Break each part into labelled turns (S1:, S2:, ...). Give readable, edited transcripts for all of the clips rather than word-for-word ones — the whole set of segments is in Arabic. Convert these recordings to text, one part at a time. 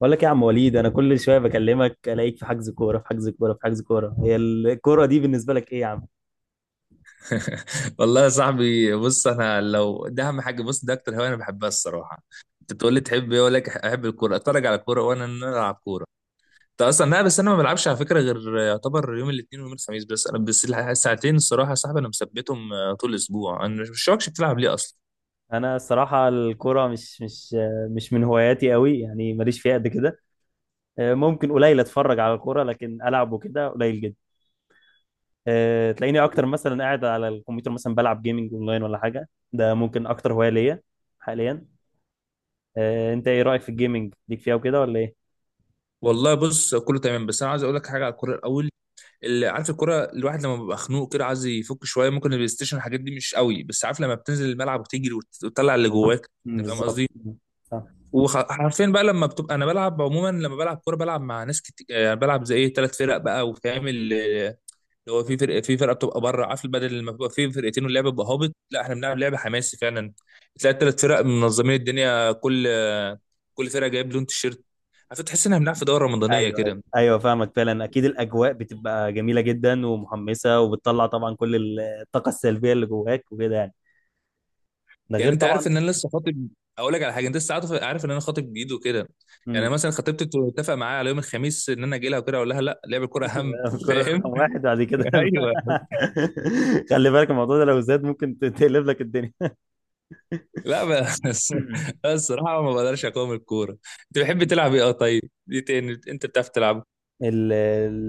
S1: بقول لك يا عم وليد، انا كل شويه بكلمك الاقيك في حجز كوره في حجز كوره في حجز كوره. هي الكوره دي بالنسبه لك ايه يا عم؟
S2: والله يا صاحبي، بص، انا لو ده اهم حاجه، بص، ده اكتر هوايه انا بحبها الصراحه. انت بتقول لي تحب ايه؟ اقول لك احب الكوره، اتفرج على الكوره، وانا ان انا العب كوره. انت اصلا لا، بس انا ما بلعبش على فكره غير يعتبر يوم الاثنين ويوم الخميس، بس انا بس الساعتين الصراحه يا صاحبي انا مثبتهم، طول الاسبوع انا مش شاكش بتلعب ليه اصلا.
S1: انا الصراحه الكوره مش من هواياتي قوي، يعني ماليش فيها قد كده. ممكن قليل اتفرج على الكوره، لكن العب وكده قليل جدا. تلاقيني اكتر مثلا قاعد على الكمبيوتر مثلا بلعب جيمنج اونلاين ولا حاجه، ده ممكن اكتر هوايه ليا حاليا. انت ايه رايك في الجيمنج، ليك فيها وكده ولا ايه؟
S2: والله بص كله تمام، بس انا عايز اقول لك حاجه على الكوره الاول. اللي عارف الكوره، الواحد لما بيبقى خنوق كده عايز يفك شويه، ممكن البلاي ستيشن الحاجات دي مش قوي، بس عارف لما بتنزل الملعب وتجري وتطلع اللي جواك، انت
S1: مم،
S2: فاهم
S1: بالظبط.
S2: قصدي. وحرفيا بقى لما بتبقى، انا بلعب عموما لما بلعب كوره بلعب مع ناس كتير، يعني بلعب زي ايه ثلاث فرق بقى، وبتعمل آه، اللي هو في فرقه بتبقى بره، عارف، بدل لما بيبقى في فرقتين واللعب بيبقى هابط، لا احنا بنلعب لعبه حماسي فعلا. بتلاقي الثلاث فرق منظمين الدنيا، كل كل فرقه جايب لون تيشيرت، عارف، تحس ان احنا بنلعب في دوره رمضانيه
S1: ايوه ايوه
S2: كده.
S1: أيوة، فاهمك، فعلا اكيد الاجواء بتبقى جميله جدا ومحمسه، وبتطلع طبعا كل الطاقه السلبيه اللي جواك وكده يعني. ده
S2: يعني
S1: غير
S2: انت عارف
S1: طبعا.
S2: ان انا لسه خاطب. اقول لك على حاجه، انت لسه عارف ان انا خاطب جديد وكده، يعني
S1: امم.
S2: مثلا خطيبتي اتفق معايا على يوم الخميس ان انا اجي لها وكده، اقول لها لا لعب الكوره اهم.
S1: الكره
S2: فاهم.
S1: رقم واحد بعد كده.
S2: ايوه.
S1: خلي بالك الموضوع ده لو زاد ممكن تقلب لك الدنيا.
S2: لا بس بس الصراحه ما بقدرش اقاوم الكوره. انت بتحب تلعب ايه؟ اه، طيب دي تاني، انت بتعرف تلعب؟
S1: ال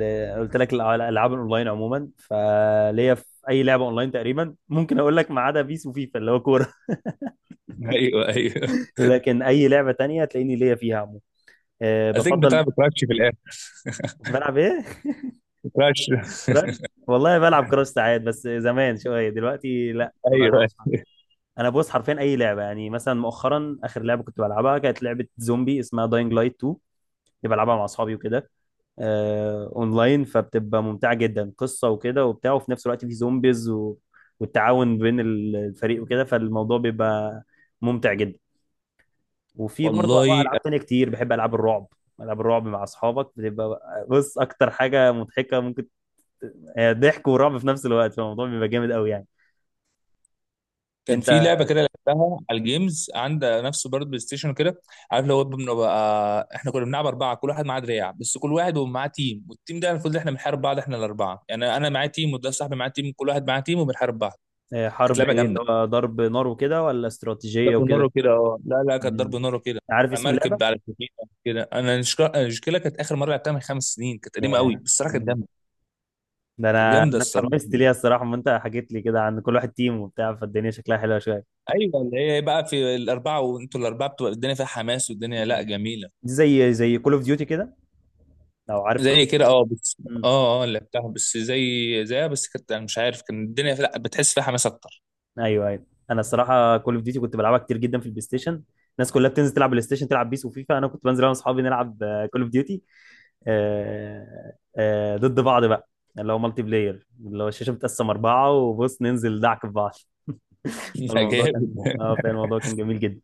S1: ال قلت لك الالعاب الاونلاين عموما، فليا في اي لعبه اونلاين تقريبا. ممكن اقول لك ما عدا بيس وفيفا اللي هو كوره.
S2: ايوه ايوه.
S1: لكن اي لعبه تانية تلاقيني ليا فيها عموما.
S2: قصدك
S1: بفضل.
S2: بتلعب كراش في الاخر.
S1: بلعب ايه؟
S2: كراش.
S1: كراش. والله بلعب كراش ساعات، بس زمان شويه، دلوقتي لا ما
S2: ايوه أيوة.
S1: بلعبش خالص. انا بص حرفيا اي لعبه. يعني مثلا مؤخرا اخر لعبه كنت بلعبها كانت لعبه زومبي اسمها داينج لايت 2. كنت بلعبها مع اصحابي وكده، اونلاين، فبتبقى ممتعه جدا، قصه وكده وبتاع، وفي نفس الوقت في زومبيز والتعاون بين الفريق وكده، فالموضوع بيبقى ممتع جدا. وفي برضه انواع
S2: والله
S1: العاب تانية كتير، بحب العاب الرعب. العاب الرعب مع اصحابك بتبقى، بص، اكتر حاجه مضحكه ممكن، ضحك ورعب في نفس الوقت، فالموضوع بيبقى جامد قوي يعني.
S2: كان
S1: انت
S2: في لعبه كده لعبتها على الجيمز عند نفسه، برضه بلاي ستيشن كده، عارف؟ لو بنبقى، احنا كنا بنلعب اربعه، كل واحد معاه دراع، بس كل واحد ومعاه تيم، والتيم ده المفروض احنا بنحارب بعض، احنا الاربعه، يعني انا معايا تيم، وده صاحبي معاه تيم، كل واحد معاه تيم وبنحارب بعض. كانت
S1: حرب
S2: لعبه
S1: ايه، اللي
S2: جامده.
S1: هو ضرب نار وكده ولا استراتيجية
S2: ضرب نار
S1: وكده؟
S2: وكده، اه لا لا، كانت ضرب
S1: مم.
S2: نار وكده.
S1: عارف اسم اللعبة؟
S2: مركب على السفينه كده. انا المشكله كانت اخر مره لعبتها من 5 سنين، كانت قديمه قوي
S1: ياه.
S2: بس الصراحه كانت
S1: مم.
S2: جامده.
S1: ده
S2: كانت
S1: انا
S2: جامده
S1: انا
S2: الصراحه.
S1: اتحمست ليها الصراحة، ما انت حكيت لي كده عن كل واحد تيم وبتاع، فالدنيا شكلها حلوة شوية.
S2: ايوه اللي هي بقى في الاربعه، وانتوا الاربعه بتبقى الدنيا فيها حماس، والدنيا لا
S1: مم.
S2: جميله.
S1: دي زي كول اوف ديوتي كده، لو عارف كول.
S2: زي كده اه، بس
S1: امم.
S2: اه اه لعبتها، بس زي زيها، بس كانت انا مش عارف كان الدنيا لا بتحس فيها حماس اكتر.
S1: ايوه ايوه، انا الصراحه كول اوف ديوتي كنت بلعبها كتير جدا في البلاي ستيشن. الناس كلها بتنزل تلعب بلاي ستيشن تلعب بيس وفيفا، انا كنت بنزل انا واصحابي نلعب كول اوف ديوتي، ضد بعض بقى، اللي هو مالتي بلاير، اللي هو الشاشه بتقسم اربعه وبص ننزل دعك في بعض.
S2: لا
S1: الموضوع كان،
S2: جامد.
S1: اه، فعلا الموضوع كان جميل جدا.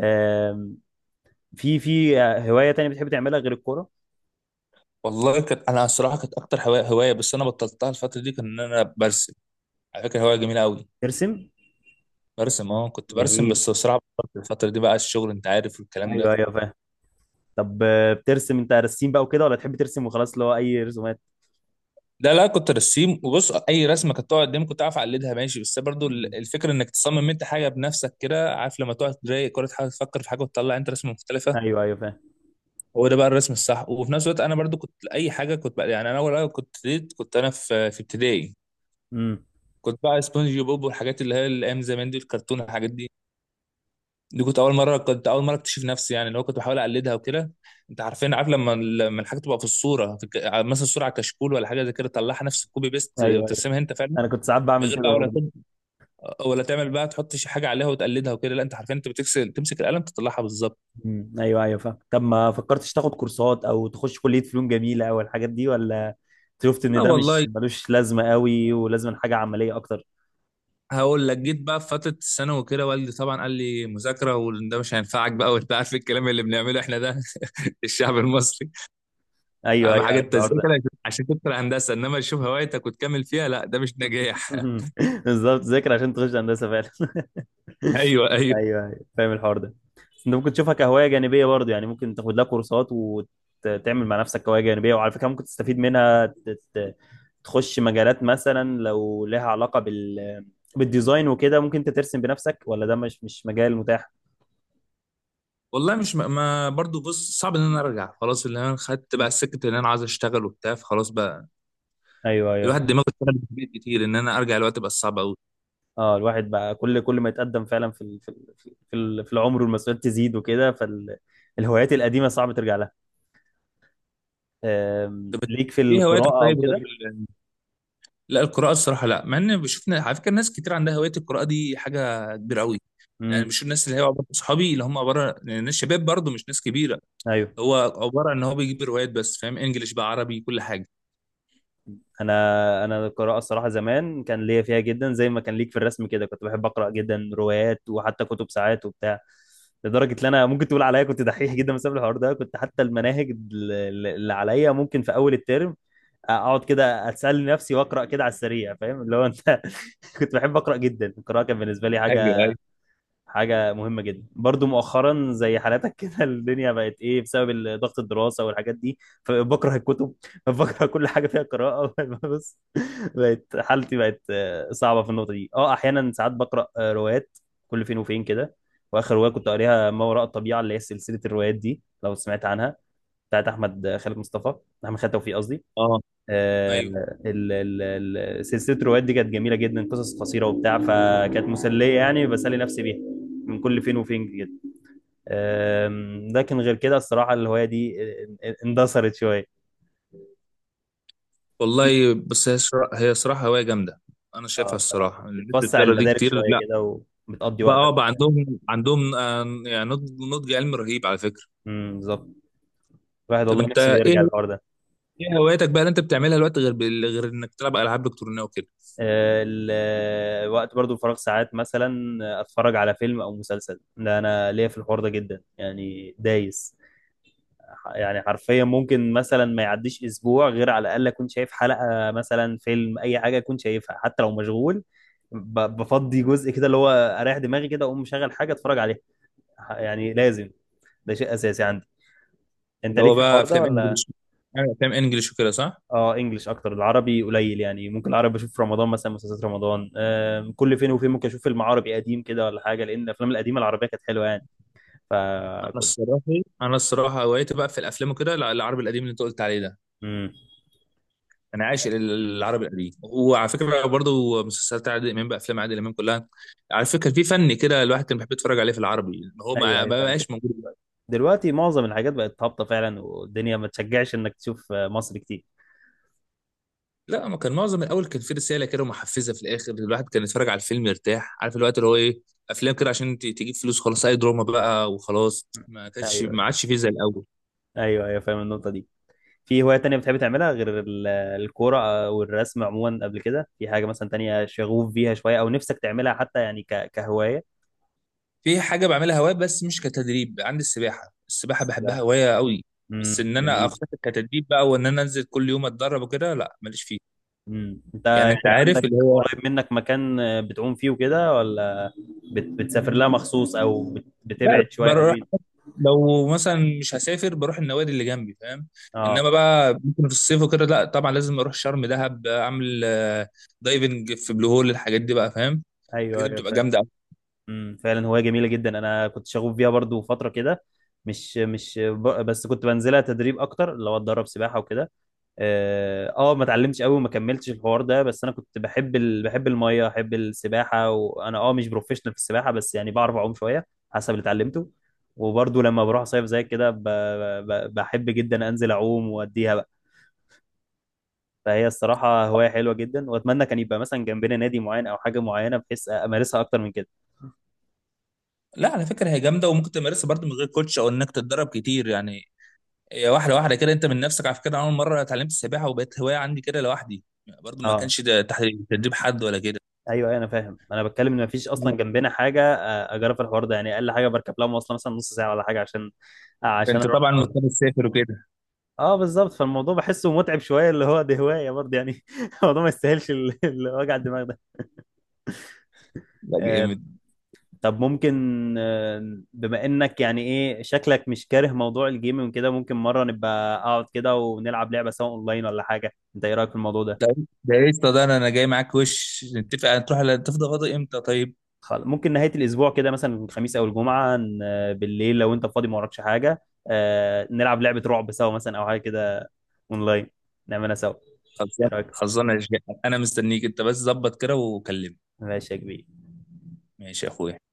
S1: آم، في هوايه تانية بتحب تعملها غير الكوره؟
S2: والله كانت انا الصراحه كانت اكتر هوايه بس انا بطلتها الفتره دي، كان ان انا برسم. على فكره هوايه جميله قوي.
S1: ترسم.
S2: برسم، اه كنت برسم،
S1: جميل.
S2: بس بصراحه بطلت الفتره دي بقى الشغل انت عارف والكلام ده.
S1: ايوه ايوه فاهم. طب بترسم انت، رسيم بقى وكده ولا تحب ترسم وخلاص، اللي هو اي رسومات؟
S2: لا لا كنت رسيم، وبص اي رسمه كانت تقعد قدامي كنت عارف اقلدها ماشي، بس برضو
S1: مم.
S2: الفكره انك تصمم انت حاجه بنفسك كده، عارف لما تقعد تضايق كره حاجه، تفكر في حاجه وتطلع انت رسمه مختلفه.
S1: ايوه ايوه فاهم.
S2: هو ده بقى الرسم الصح. وفي نفس الوقت انا برضو كنت اي حاجه، كنت بقى، يعني انا اول حاجه كنت ابتديت كنت انا في ابتدائي،
S1: امم.
S2: كنت بقى سبونج بوب والحاجات اللي هي الايام زمان دي الكرتون الحاجات دي، دي كنت اول مره اكتشف نفسي، يعني اللي هو كنت بحاول اقلدها وكده. انت عارفين، عارف لما الحاجه تبقى في الصوره في الك... مثلا صوره على كشكول ولا حاجه زي كده، تطلعها نفس الكوبي بيست
S1: ايوه ايوه،
S2: وترسمها انت فعلا.
S1: انا كنت ساعات
S2: من
S1: بعمل
S2: غير
S1: كده
S2: بقى ولا
S1: برضه.
S2: تب... ولا تعمل بقى تحط شي حاجه عليها وتقلدها وكده، لا انت عارفين انت بتكسل تمسك القلم تطلعها بالظبط.
S1: مم. ايوه ايوه فاهم. طب ما فكرتش تاخد كورسات او تخش كلية فنون جميلة او الحاجات دي، ولا شفت
S2: لا
S1: ان ده مش
S2: والله،
S1: ملوش لازمة قوي ولازم حاجة عملية اكتر؟
S2: هقول لك جيت بقى في فتره الثانوي وكده، والدي طبعا قال لي مذاكره، وده مش هينفعك بقى، وانت عارف الكلام اللي بنعمله احنا ده. الشعب المصري.
S1: ايوه
S2: اهم
S1: ايوه،
S2: حاجه
S1: عارف الحوار ده.
S2: التذاكر عشان تدخل هندسه، انما تشوف هوايتك وتكمل فيها، لا ده مش نجاح.
S1: بالظبط، ذاكر عشان تخش هندسة فعلا.
S2: ايوه ايوه.
S1: ايوه ايوه فاهم الحوار ده. انت ممكن تشوفها كهوايه جانبيه برضه، يعني ممكن تاخد لها كورسات وتعمل مع نفسك هوايه جانبيه، وعلى فكره ممكن تستفيد منها، تخش مجالات، مثلا لو لها علاقه بال بالديزاين وكده ممكن انت ترسم بنفسك، ولا ده مش مجال متاح؟
S2: والله مش برضو بص صعب ان انا ارجع، خلاص اللي انا خدت بقى السكه اللي انا عايز اشتغل وبتاع فخلاص بقى.
S1: ايوه ايوه
S2: الواحد
S1: فاهم.
S2: دماغه اشتغلت في البيت كتير، ان انا ارجع الوقت بقى صعب قوي.
S1: اه الواحد بقى كل ما يتقدم فعلا في العمر والمسؤوليات تزيد وكده، فالهوايات القديمه صعب ترجع لها.
S2: طب إنت
S1: ليك في
S2: ايه هواياتك؟
S1: القراءه او
S2: طيب غير
S1: كده؟
S2: ال- لا القراءه الصراحه لا، مع ان بشوفنا على فكره ناس كتير عندها هوايه القراءه، دي حاجه كبيره قوي. يعني
S1: امم.
S2: بشوف الناس اللي هي عباره صحابي اللي هم عباره يعني ناس شباب برضو مش ناس كبيره، هو عباره ان هو بيجيب روايات، بس فاهم انجلش بقى، عربي، كل حاجه.
S1: انا القراءه الصراحه زمان كان ليا فيها جدا زي ما كان ليك في الرسم كده، كنت بحب اقرا جدا روايات وحتى كتب ساعات وبتاع، لدرجه ان انا ممكن تقول عليا كنت دحيح جدا بسبب الحوار ده. كنت حتى المناهج اللي عليا ممكن في اول الترم اقعد كده اتسلي نفسي واقرا كده على السريع، فاهم اللي هو انت. كنت بحب اقرا جدا، القراءه كان بالنسبه لي حاجه
S2: ايوه ايوه.
S1: حاجة مهمة جدا. برضو مؤخرا زي حالاتك كده الدنيا بقت ايه بسبب ضغط الدراسة والحاجات دي، فبكره الكتب بكره كل حاجة فيها قراءة بس بقت حالتي بقت صعبة في النقطة دي. اه احيانا ساعات بقرأ روايات كل فين وفين كده. واخر رواية كنت قاريها ما وراء الطبيعة، اللي هي سلسلة الروايات دي لو سمعت عنها، بتاعت احمد خالد مصطفى، احمد خالد توفيق قصدي.
S2: اه
S1: آه،
S2: ايوه.
S1: ال- ال- سلسله الروايات دي كانت جميله جدا، قصص قصيره وبتاع، فكانت مسليه، يعني بسلي نفسي بيها من كل فين وفين كده. لكن غير كده الصراحه الهوايه دي اندثرت شويه. دي-
S2: والله بس هي هي صراحة هواية جامدة. أنا شايفها
S1: اه، صراحه
S2: الصراحة الناس اللي
S1: بتوسع
S2: بتقرا دي
S1: المدارك
S2: كتير
S1: شويه
S2: لا
S1: كده، وبتقضي
S2: بقى،
S1: وقتك
S2: بقى
S1: وبتاع.
S2: عندهم يعني نضج علمي رهيب على فكرة.
S1: بالظبط. الواحد
S2: طب
S1: والله
S2: أنت
S1: نفسه
S2: إيه؟
S1: بيرجع الحوار ده.
S2: إيه هواياتك بقى اللي أنت بتعملها دلوقتي غير غير إنك تلعب ألعاب إلكترونية وكده؟
S1: وقت برضو الفراغ ساعات مثلا اتفرج على فيلم او مسلسل. ده انا ليا في الحوار ده جدا يعني دايس. يعني حرفيا ممكن مثلا ما يعديش اسبوع غير على الاقل اكون شايف حلقه مثلا، فيلم، اي حاجه اكون شايفها. حتى لو مشغول بفضي جزء كده اللي هو اريح دماغي كده، اقوم مشغل حاجه اتفرج عليها. يعني لازم، ده شيء اساسي عندي. انت
S2: اللي
S1: ليك
S2: هو
S1: في
S2: بقى
S1: الحوار ده
S2: أفلام
S1: ولا؟
S2: إنجلش، يعني أفلام إنجلش وكده صح؟
S1: اه، انجلش اكتر، العربي قليل. يعني ممكن العربي بشوف في رمضان مثلا، مسلسلات رمضان. كل فين وفين ممكن اشوف فيلم عربي قديم كده ولا حاجه، لان الافلام القديمه العربيه كانت حلوه يعني،
S2: أنا
S1: فكنت.
S2: الصراحة أنا الصراحة هوايتي بقى في الأفلام وكده، لا، العربي القديم اللي أنت قلت عليه ده.
S1: امم.
S2: انا عاشق العربي القديم، وعلى فكره برضه مسلسلات عادل امام، بافلام عادل امام كلها، على فكره كان في فن كده الواحد كان بيحب يتفرج عليه في العربي، إن هو
S1: ايوه
S2: ما
S1: ايوه
S2: ما
S1: فاهم.
S2: بقاش موجود دلوقتي.
S1: دلوقتي معظم الحاجات بقت هابطه فعلا، والدنيا ما تشجعش انك تشوف مصر كتير.
S2: لا ما كان معظم الاول كان في رساله كده محفزه في الاخر، الواحد كان يتفرج على الفيلم يرتاح، عارف الوقت اللي هو ايه، افلام كده عشان تجيب فلوس خلاص، اي دراما بقى وخلاص، ما كانش
S1: ايوه.
S2: ما عادش فيه زي الاول.
S1: ايوه ايوه فاهم النقطه دي. في هوايه تانية بتحب تعملها غير الكوره والرسم عموما؟ قبل كده في حاجه مثلا تانية شغوف بيها شويه او نفسك تعملها حتى يعني، كهوايه؟
S2: في حاجه بعملها هوايه بس مش كتدريب عندي، السباحه، السباحه بحبها
S1: السباحه.
S2: هوايه قوي. بس ان انا
S1: جميل.
S2: اخطط كتدريب بقى، وان انا انزل كل يوم اتدرب وكده، لا ماليش فيه.
S1: امم، انت
S2: يعني انت
S1: يعني
S2: عارف،
S1: عندك قريب منك مكان بتعوم فيه وكده، ولا بتسافر لها مخصوص، او
S2: لا لا،
S1: بتبعد شويه
S2: بروح،
S1: حلوين؟
S2: لو مثلا مش هسافر بروح النوادي اللي جنبي، فاهم.
S1: اه.
S2: انما بقى ممكن في الصيف وكده، لا طبعا لازم اروح شرم دهب اعمل دايفنج في بلو هول، الحاجات دي بقى فاهم.
S1: ايوه
S2: الحاجات دي بتبقى
S1: ايوه.
S2: جامده أوي.
S1: امم، فعلا هواية جميلة جدا. انا كنت شغوف بيها برضو فترة كده، مش مش ب... بس كنت بنزلها تدريب اكتر، اللي هو اتدرب سباحة وكده، اه. ما اتعلمتش قوي وما كملتش الحوار ده، بس انا كنت بحب بحب المية، بحب السباحة، وانا اه مش بروفيشنال في السباحة، بس يعني بعرف اعوم شوية حسب اللي اتعلمته. وبرضو لما بروح صيف زي كده بحب جدا انزل اعوم واديها بقى. فهي الصراحة هواية حلوة جدا، واتمنى كان يبقى مثلا جنبنا نادي معين او حاجة معينة بحيث امارسها اكتر من كده.
S2: لا على فكره هي جامده، وممكن تمارسها برضه من غير كوتش او انك تتدرب كتير يعني. هي واحده واحده كده انت من نفسك على فكره. أنا اول مره اتعلمت السباحه وبقت هوايه عندي كده لوحدي، برضه ما
S1: اه،
S2: كانش ده تحت تدريب حد ولا كده.
S1: ايوه أيوة، انا فاهم. انا بتكلم ان مفيش اصلا جنبنا حاجه اجرب في الحوار ده، يعني اقل حاجه بركب لها مواصله مثلا نص ساعه ولا حاجه عشان عشان
S2: انت
S1: اروح
S2: طبعا
S1: الحوار ده.
S2: مضطر تسافر وكده.
S1: اه بالظبط، فالموضوع بحسه متعب شويه، اللي هو دي هوايه برضه يعني. الموضوع ما يستاهلش وجع الدماغ ده.
S2: لا،
S1: آه، طب ممكن بما انك يعني، ايه شكلك مش كاره موضوع الجيمنج كده، ممكن مره نبقى اقعد كده ونلعب لعبه سواء اونلاين ولا حاجه؟ انت ايه رايك في الموضوع ده؟
S2: ده ده قشطة، ده انا جاي معاك، وش نتفق، هتروح تفضى فاضي امتى طيب؟
S1: ممكن نهاية الأسبوع كده مثلا، الخميس أو الجمعة، بالليل لو أنت فاضي ما وراكش حاجة، نلعب لعبة رعب سوا مثلا أو حاجة كده، أونلاين، نعملها سوا. إيه
S2: خلصان
S1: رأيك؟
S2: خلصان يا شيخ. انا مستنيك انت بس ظبط كده وكلمني.
S1: ماشي يا كبير.
S2: ماشي يا اخويا.